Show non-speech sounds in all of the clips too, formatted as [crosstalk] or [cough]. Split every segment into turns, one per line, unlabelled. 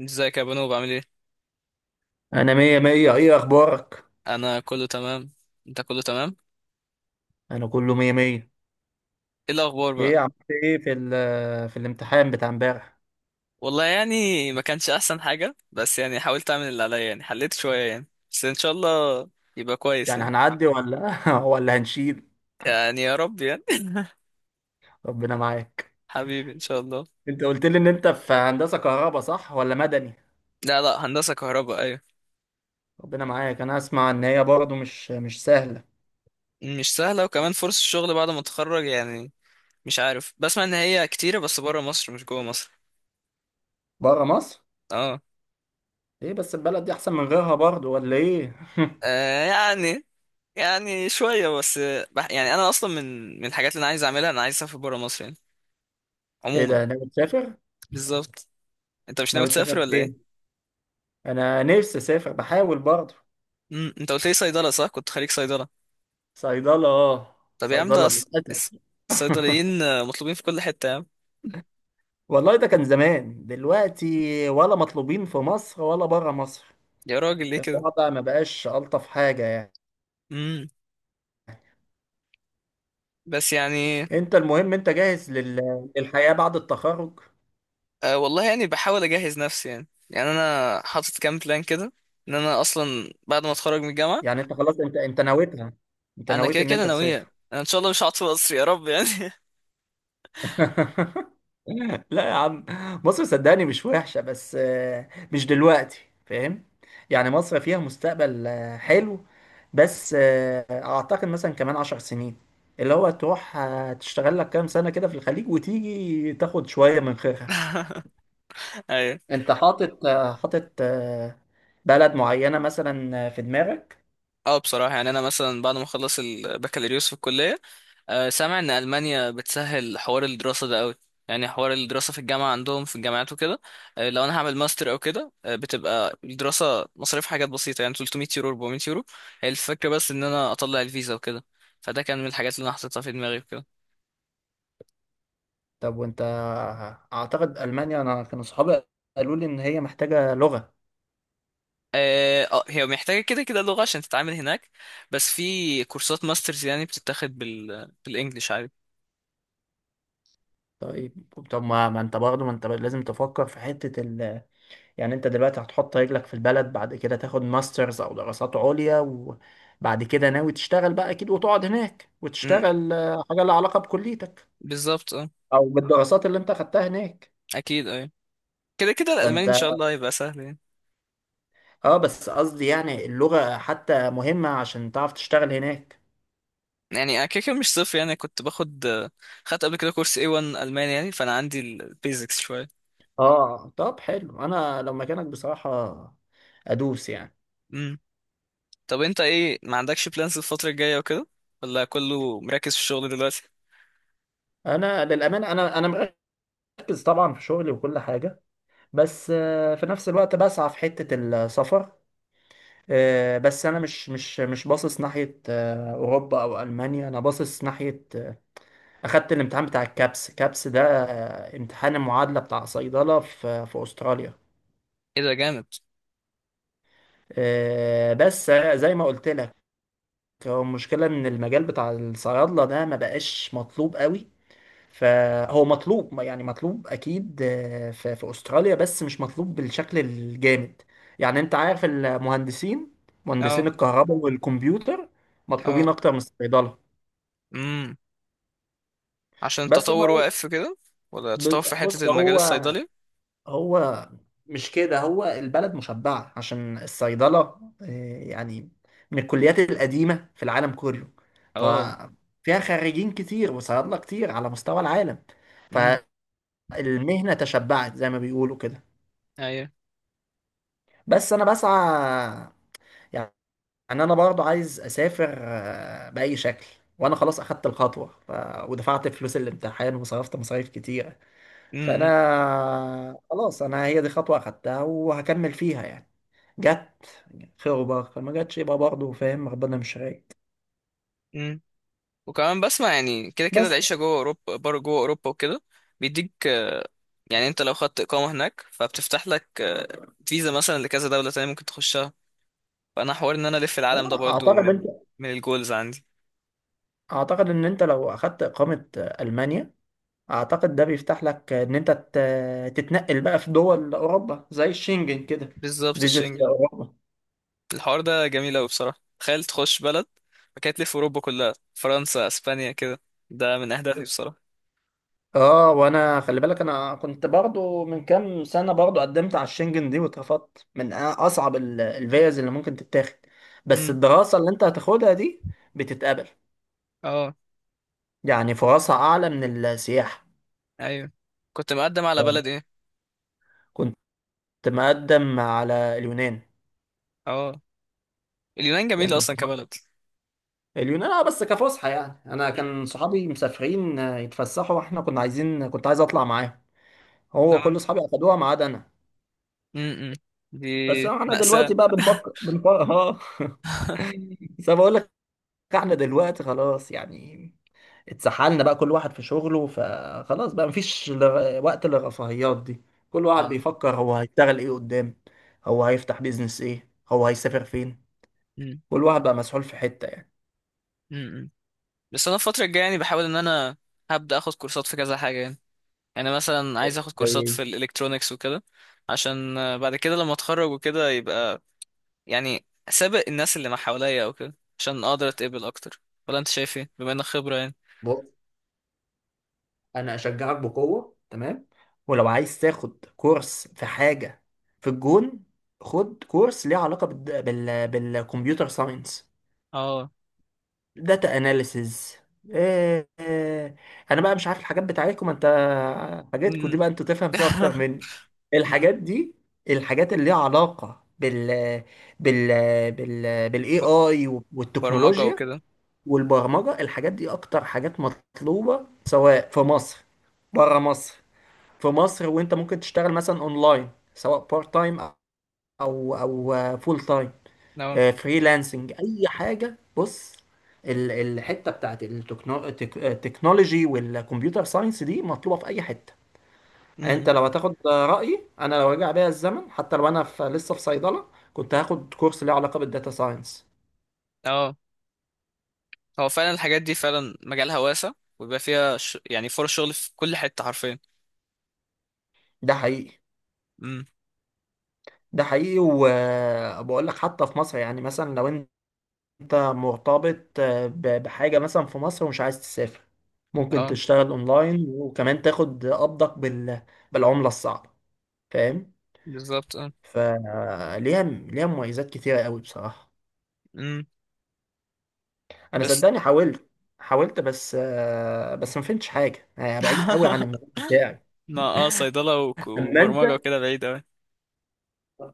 ازيك يا بنو؟ بعمل ايه؟
انا مية مية. ايه اخبارك؟
انا كله تمام. انت كله تمام؟
انا كله مية مية.
ايه الاخبار بقى؟
ايه عملت ايه في الامتحان بتاع امبارح؟
والله، يعني ما كانش احسن حاجه، بس يعني حاولت اعمل اللي عليا، يعني حليت شويه يعني، بس ان شاء الله يبقى كويس
يعني
يعني.
هنعدي ولا [laughs] ولا هنشيل؟
يعني يا رب يعني.
ربنا معاك.
[laughs] حبيبي ان شاء الله.
انت قلت لي ان انت في هندسة كهرباء، صح ولا مدني؟
لا لا، هندسه كهرباء، ايوه.
ربنا معاك. انا اسمع ان هي برضه مش سهلة.
مش سهله، وكمان فرص الشغل بعد ما اتخرج يعني. مش عارف، بسمع ان هي كتيره بس بره مصر، مش جوه مصر.
بره مصر.
اه.
ايه، بس البلد دي احسن من غيرها برضه ولا ايه؟
آه، يعني. يعني شويه بس، يعني انا اصلا من الحاجات اللي انا عايز اعملها، انا عايز اسافر بره مصر يعني.
[laughs] ايه
عموما.
ده، ناوي تسافر؟
بالظبط. انت مش ناوي
ناوي تسافر
تسافر ولا
فين؟
ايه؟
انا نفسي اسافر، بحاول برضه.
انت قلت لي صيدله، صح؟ كنت خريج صيدله؟
صيدلة اه.
طب يا عم، ده
صيدلة للأسف.
الص-
[laughs]
الصيدليين مطلوبين في كل حته يا عم.
والله ده كان زمان. دلوقتي ولا مطلوبين في مصر ولا بره مصر؟
يا راجل، ليه كده؟
الوضع ما بقاش ألطف حاجة يعني.
امم. بس يعني.
انت المهم، انت جاهز للحياة بعد التخرج؟
آه، والله يعني بحاول اجهز نفسي يعني انا حاطط كام بلان كده. ان انا اصلا بعد ما اتخرج من الجامعه.
يعني انت خلاص، انت نويتها. انت
انا
نويت
كده
ان
كده
انت تسافر.
ناويه، انا ان شاء الله مش هقعد في مصر، يا رب يعني.
[laughs] لا يا عم. مصر صدقني مش وحشة، بس مش دلوقتي. فاهم. يعني مصر فيها مستقبل حلو. بس أعتقد مثلا كمان 10 سنين. اللي هو تروح تشتغل لك كام سنة كده في الخليج، وتيجي تاخد شوية من خيرها.
[laughs] ايوه.
أنت حاطط بلد معينة مثلا في دماغك؟
اه، بصراحة يعني أنا مثلا بعد ما أخلص البكالوريوس في الكلية، سامع إن ألمانيا بتسهل حوار الدراسة ده أوي. يعني حوار الدراسة في الجامعة عندهم، في الجامعات وكده. لو أنا هعمل ماستر أو كده، بتبقى الدراسة مصاريف حاجات بسيطة، يعني 300 يورو 400 يورو. هي الفكرة بس إن أنا أطلع الفيزا وكده. فده كان من الحاجات اللي أنا حطيتها في دماغي وكده.
طب وأنت أعتقد ألمانيا، أنا كانوا صحابي قالوا لي إن هي محتاجة لغة.
اه، هي محتاجة كده كده لغة عشان تتعامل هناك. بس في كورسات ماسترز يعني بتتاخد بالإنجلش عادي.
طيب. طب ما انت برضه، ما انت لازم تفكر في حتة ال... يعني انت دلوقتي هتحط رجلك في البلد، بعد كده تاخد ماسترز او دراسات عليا، وبعد كده ناوي تشتغل بقى اكيد وتقعد هناك
مم،
وتشتغل حاجة لها علاقة بكليتك،
بالظبط، اه.
او بالدراسات اللي انت خدتها هناك.
أكيد، اه. كده كده الالماني
فانت...
ان شاء الله هيبقى سهل يعني.
اه بس قصدي يعني اللغة حتى مهمة عشان تعرف تشتغل هناك.
يعني أنا كده كده مش صفر يعني، كنت باخد، خدت قبل كده كورس A1 الماني، يعني فانا عندي البيزكس شويه.
اه، طب حلو، انا لو مكانك بصراحة ادوس يعني.
امم. طب انت ايه، ما عندكش بلانز الفتره الجايه وكده؟ ولا كله مركز في الشغل دلوقتي؟
انا للامانة انا مركز طبعا في شغلي وكل حاجة، بس في نفس الوقت بسعى في حتة السفر. بس انا مش باصص ناحية اوروبا او المانيا، انا باصص ناحية. اخدت الامتحان بتاع الكابس، كابس ده امتحان المعادلة بتاع صيدلة في استراليا.
ايه ده، جامد!
بس زي ما قلت لك، هو المشكلة ان المجال بتاع الصيادلة ده ما بقاش مطلوب قوي. فهو مطلوب يعني مطلوب اكيد في استراليا، بس مش مطلوب بالشكل الجامد. يعني انت عارف المهندسين، مهندسين
اه.
الكهرباء والكمبيوتر مطلوبين
اه.
اكتر من الصيدله.
امم. عشان
بس انا
التطور واقف كده؟ ولا تطور في حته
بص،
المجال
هو
الصيدلي؟
هو مش كده، هو البلد مشبعه عشان الصيدله. آه، يعني من الكليات القديمه في العالم كله،
اه.
ففيها خريجين كتير وصيادله كتير على مستوى العالم.
امم.
فالمهنه تشبعت زي ما بيقولوا كده.
ايوه.
بس انا بسعى يعني، انا برضو عايز اسافر باي شكل. وانا خلاص اخدت الخطوه، ف... ودفعت فلوس الامتحان وصرفت مصاريف كتيره. فانا خلاص، انا هي دي خطوه اخدتها وهكمل فيها يعني. جت خير وبركه، ما جاتش يبقى برضو فاهم ربنا مش رايد.
امم. وكمان بسمع يعني كده كده
بس
العيشة جوه أوروبا، بره جوه أوروبا وكده. بيديك يعني، أنت لو خدت إقامة هناك فبتفتح لك فيزا مثلا لكذا دولة تانية ممكن تخشها. فأنا حوار إن أنا ألف العالم ده برضو
اعتقد انت،
من الجولز عندي.
اعتقد ان انت لو اخدت اقامه المانيا، اعتقد ده بيفتح لك ان انت تتنقل بقى في دول اوروبا زي الشنجن كده.
بالظبط،
فيزيت
الشنجن.
اوروبا.
الحوار ده جميل أوي بصراحة، تخيل تخش بلد فكانت تلف أوروبا كلها، فرنسا أسبانيا كده. ده من أهدافي بصراحة.
اه، وانا خلي بالك، انا كنت برضو من كام سنة برضو قدمت على الشنجن دي واترفضت، من اصعب الفيز اللي ممكن تتاخد. بس
امم.
الدراسة اللي انت هتاخدها دي بتتقبل،
اه.
يعني فرصها اعلى من السياحة.
أيوه. كنت مقدم على بلد إيه؟
كنت مقدم على اليونان.
اه، اليونان جميلة
كان
أصلا كبلد.
اليونان اه، بس كفسحة يعني. انا
مم.
كان صحابي مسافرين يتفسحوا، واحنا كنا عايزين كنت عايز اطلع معاهم. هو
اه.
كل صحابي اخدوها ما عدا انا.
امم. دي
بس انا
مأساة.
دلوقتي بقى بنفكر اه. [laughs] بس أنا بقول احنا دلوقتي خلاص يعني، اتسحلنا بقى كل واحد في شغله، فخلاص بقى مفيش وقت للرفاهيات دي. كل واحد
اه.
بيفكر هو هيشتغل ايه قدام، هو هيفتح بيزنس ايه، هو هيسافر فين.
امم.
كل واحد بقى مسحول في حتة يعني.
امم. بس انا الفتره الجايه يعني بحاول ان انا هبدا اخد كورسات في كذا حاجه يعني. يعني مثلا عايز اخد كورسات
زي
في الالكترونيكس وكده. عشان بعد كده لما اتخرج وكده يبقى، يعني سابق الناس اللي ما حواليا او كده، عشان اقدر اتقبل اكتر. ولا انت شايف ايه، بما انك خبره يعني؟
بص، انا اشجعك بقوه تمام، ولو عايز تاخد كورس في حاجة في الجون، خد كورس ليه علاقة بالكمبيوتر ساينس،
اه.
داتا اناليسز. إيه، إيه. انا بقى مش عارف الحاجات بتاعتكم انت، حاجاتكم دي
امم.
بقى انتوا تفهم فيها اكتر مني.
أمم.
الحاجات دي، الحاجات اللي ليها علاقة بال
[laughs]
بالاي
ب-
اي
برمجه
والتكنولوجيا
وكده.
والبرمجة. الحاجات دي اكتر حاجات مطلوبة، سواء في مصر، بره مصر. في مصر وانت ممكن تشتغل مثلا اونلاين، سواء بارت تايم او فول تايم،
اه.
فريلانسنج، اي حاجه. بص، الحته بتاعت التكنولوجي والكمبيوتر ساينس دي مطلوبه في اي حته. انت
أمم.
لو هتاخد رايي، انا لو رجع بيا الزمن، حتى لو انا لسه في صيدله، كنت هاخد كورس ليه علاقه بالداتا ساينس.
اه، هو فعلا الحاجات دي فعلا مجالها واسع. ويبقى فيها يعني فرص شغل في كل حته حرفيا.
ده حقيقي.
امم.
ده حقيقي، وبقول لك حتى في مصر، يعني مثلا لو انت مرتبط بحاجه مثلا في مصر ومش عايز تسافر، ممكن
اه.
تشتغل اونلاين وكمان تاخد قبضك بالعمله الصعبه. فاهم.
بالظبط.
فليها، ليها مميزات كتيرة قوي بصراحة.
اه.
أنا
بس.
صدقني حاولت، بس ما فهمتش حاجة بعيد قوي عن
[laughs]
المجال بتاعي.
ما صيدلة
أما أنت
وبرمجة وكده بعيد أوي.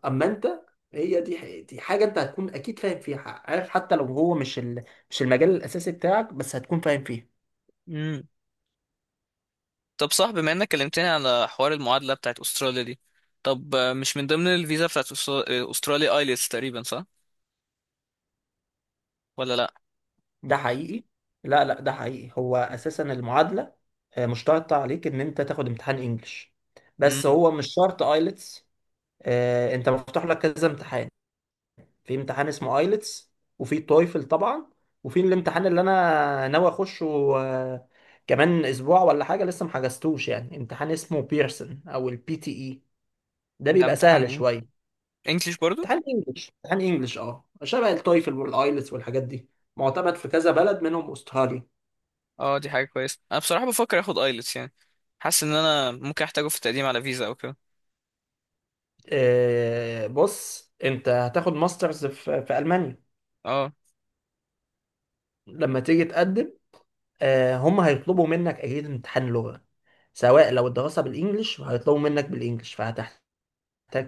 أما أنت هي دي حاجة أنت هتكون أكيد فاهم فيها، عارف، حتى لو هو مش المجال الأساسي بتاعك، بس هتكون فاهم فيه.
مم. طب صح، بما إنك كلمتني على حوار المعادلة بتاعت أستراليا دي، طب مش من ضمن الفيزا بتاعت أستراليا آيلتس تقريبا، صح ولا لأ؟
ده حقيقي. لا، لا، ده حقيقي. هو أساسا المعادلة مشترطة عليك إن أنت تاخد امتحان إنجلش، بس
امم.
هو مش شرط آيلتس. أنت مفتوح لك كذا امتحان، في امتحان اسمه ايلتس، وفي تويفل طبعا، وفي الامتحان اللي انا ناوي اخشه آه، كمان اسبوع ولا حاجه، لسه محجزتوش يعني، امتحان اسمه بيرسون، او البي تي اي. ده
ده
بيبقى
امتحان
سهل
ايه؟
شويه.
انجليش برضو؟
امتحان انجلش، اه، شبه التويفل والايلتس والحاجات دي، معتمد في كذا بلد منهم استراليا.
اه، دي حاجه كويسه، انا بصراحه بفكر اخد ايلتس يعني. حاسس ان انا ممكن احتاجه في التقديم على فيزا او كده.
بص، انت هتاخد ماسترز في المانيا،
اه.
لما تيجي تقدم هم هيطلبوا منك أكيد امتحان لغة. سواء لو الدراسة بالإنجلش، هيطلبوا منك بالإنجلش، فهتحتاج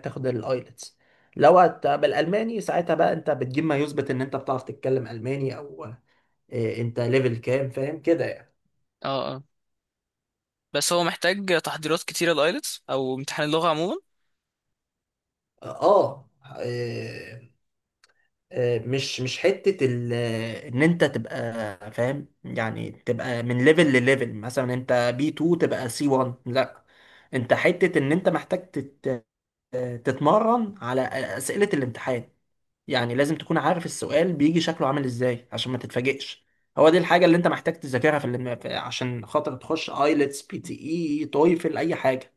تاخد الأيلتس. لو بالألماني، ساعتها بقى أنت بتجيب ما يثبت إن أنت بتعرف تتكلم ألماني، أو... أنت ليفل كام، فاهم كده يعني.
اه. اه، بس هو محتاج تحضيرات كتيره الايلتس او امتحان اللغه عموما.
آه آه، آه، مش حتة إن أنت تبقى فاهم، يعني تبقى من ليفل لليفل، مثلا أنت بي B2 تبقى سي C1، لا. انت حتة ان انت محتاج تتمرن على أسئلة الامتحان. يعني لازم تكون عارف السؤال بيجي شكله عامل ازاي عشان ما تتفاجئش. هو دي الحاجة اللي انت محتاج تذاكرها عشان خاطر تخش ايلتس، بي تي اي، تويفل، اي حاجة.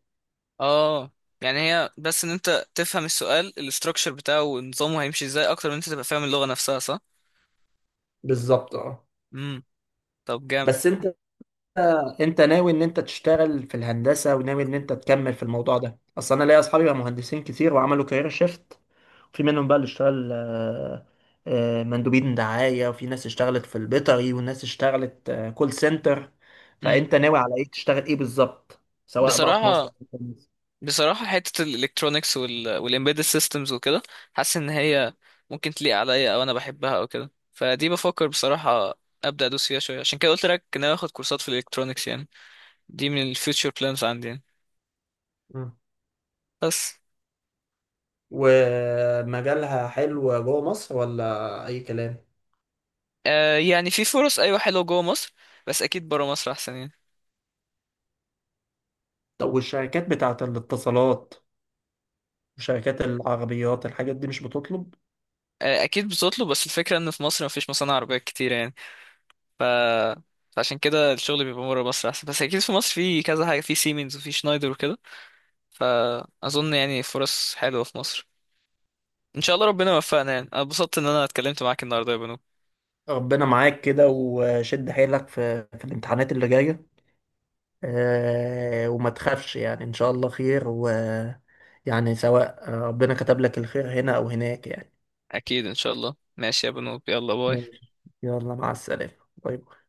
اه. يعني هي بس ان انت تفهم السؤال الاستراكشر بتاعه ونظامه هيمشي ازاي، اكتر من انت تبقى فاهم اللغة نفسها، صح؟
بالظبط اه.
امم. طب، جامد.
بس انت، انت ناوي ان انت تشتغل في الهندسه وناوي ان انت تكمل في الموضوع ده، اصل انا ليا اصحابي بقى مهندسين كتير وعملوا كارير شيفت. في منهم بقى اللي اشتغل مندوبين دعايه، وفي ناس اشتغلت في البيطري، وناس اشتغلت كول سنتر.
امم.
فانت ناوي على ايه، تشتغل ايه بالظبط، سواء بقى في مصر أو
بصراحة،
في مصر؟
بصراحة حتة الالكترونيكس والامبيدد سيستمز وكده، حاسس ان هي ممكن تليق عليا، او انا بحبها او كده، فدي بفكر بصراحة ابدا ادوس فيها شوية، عشان كده قلت لك ان انا اخد كورسات في الالكترونيكس يعني. دي من الفيوتشر بلانز عندي يعني.
مم.
بس
ومجالها حلو جوه مصر ولا اي كلام؟
آه يعني في فرص، ايوه حلوه جوه مصر، بس اكيد بره مصر احسن يعني.
طب والشركات بتاعت الاتصالات وشركات العربيات، الحاجات دي مش بتطلب؟
آه، اكيد بتطلب، بس الفكره ان في مصر مفيش مصانع عربيات كتير يعني. ف فعشان كده الشغل بيبقى بره مصر احسن، بس اكيد في مصر في كذا حاجه، في سيمنز وفي شنايدر وكده. فاظن يعني فرص حلوه في مصر. ان شاء الله ربنا يوفقنا، يعني انا اتبسطت ان انا اتكلمت معاك النهارده يا بنو.
ربنا معاك كده، وشد حيلك في الامتحانات اللي جاية. وما تخافش يعني إن شاء الله خير، و يعني سواء ربنا كتب لك الخير هنا أو هناك يعني.
اكيد ان شاء الله، ماشي يا بنو، يلا باي.
ماشي. يلا، مع السلامة. باي باي.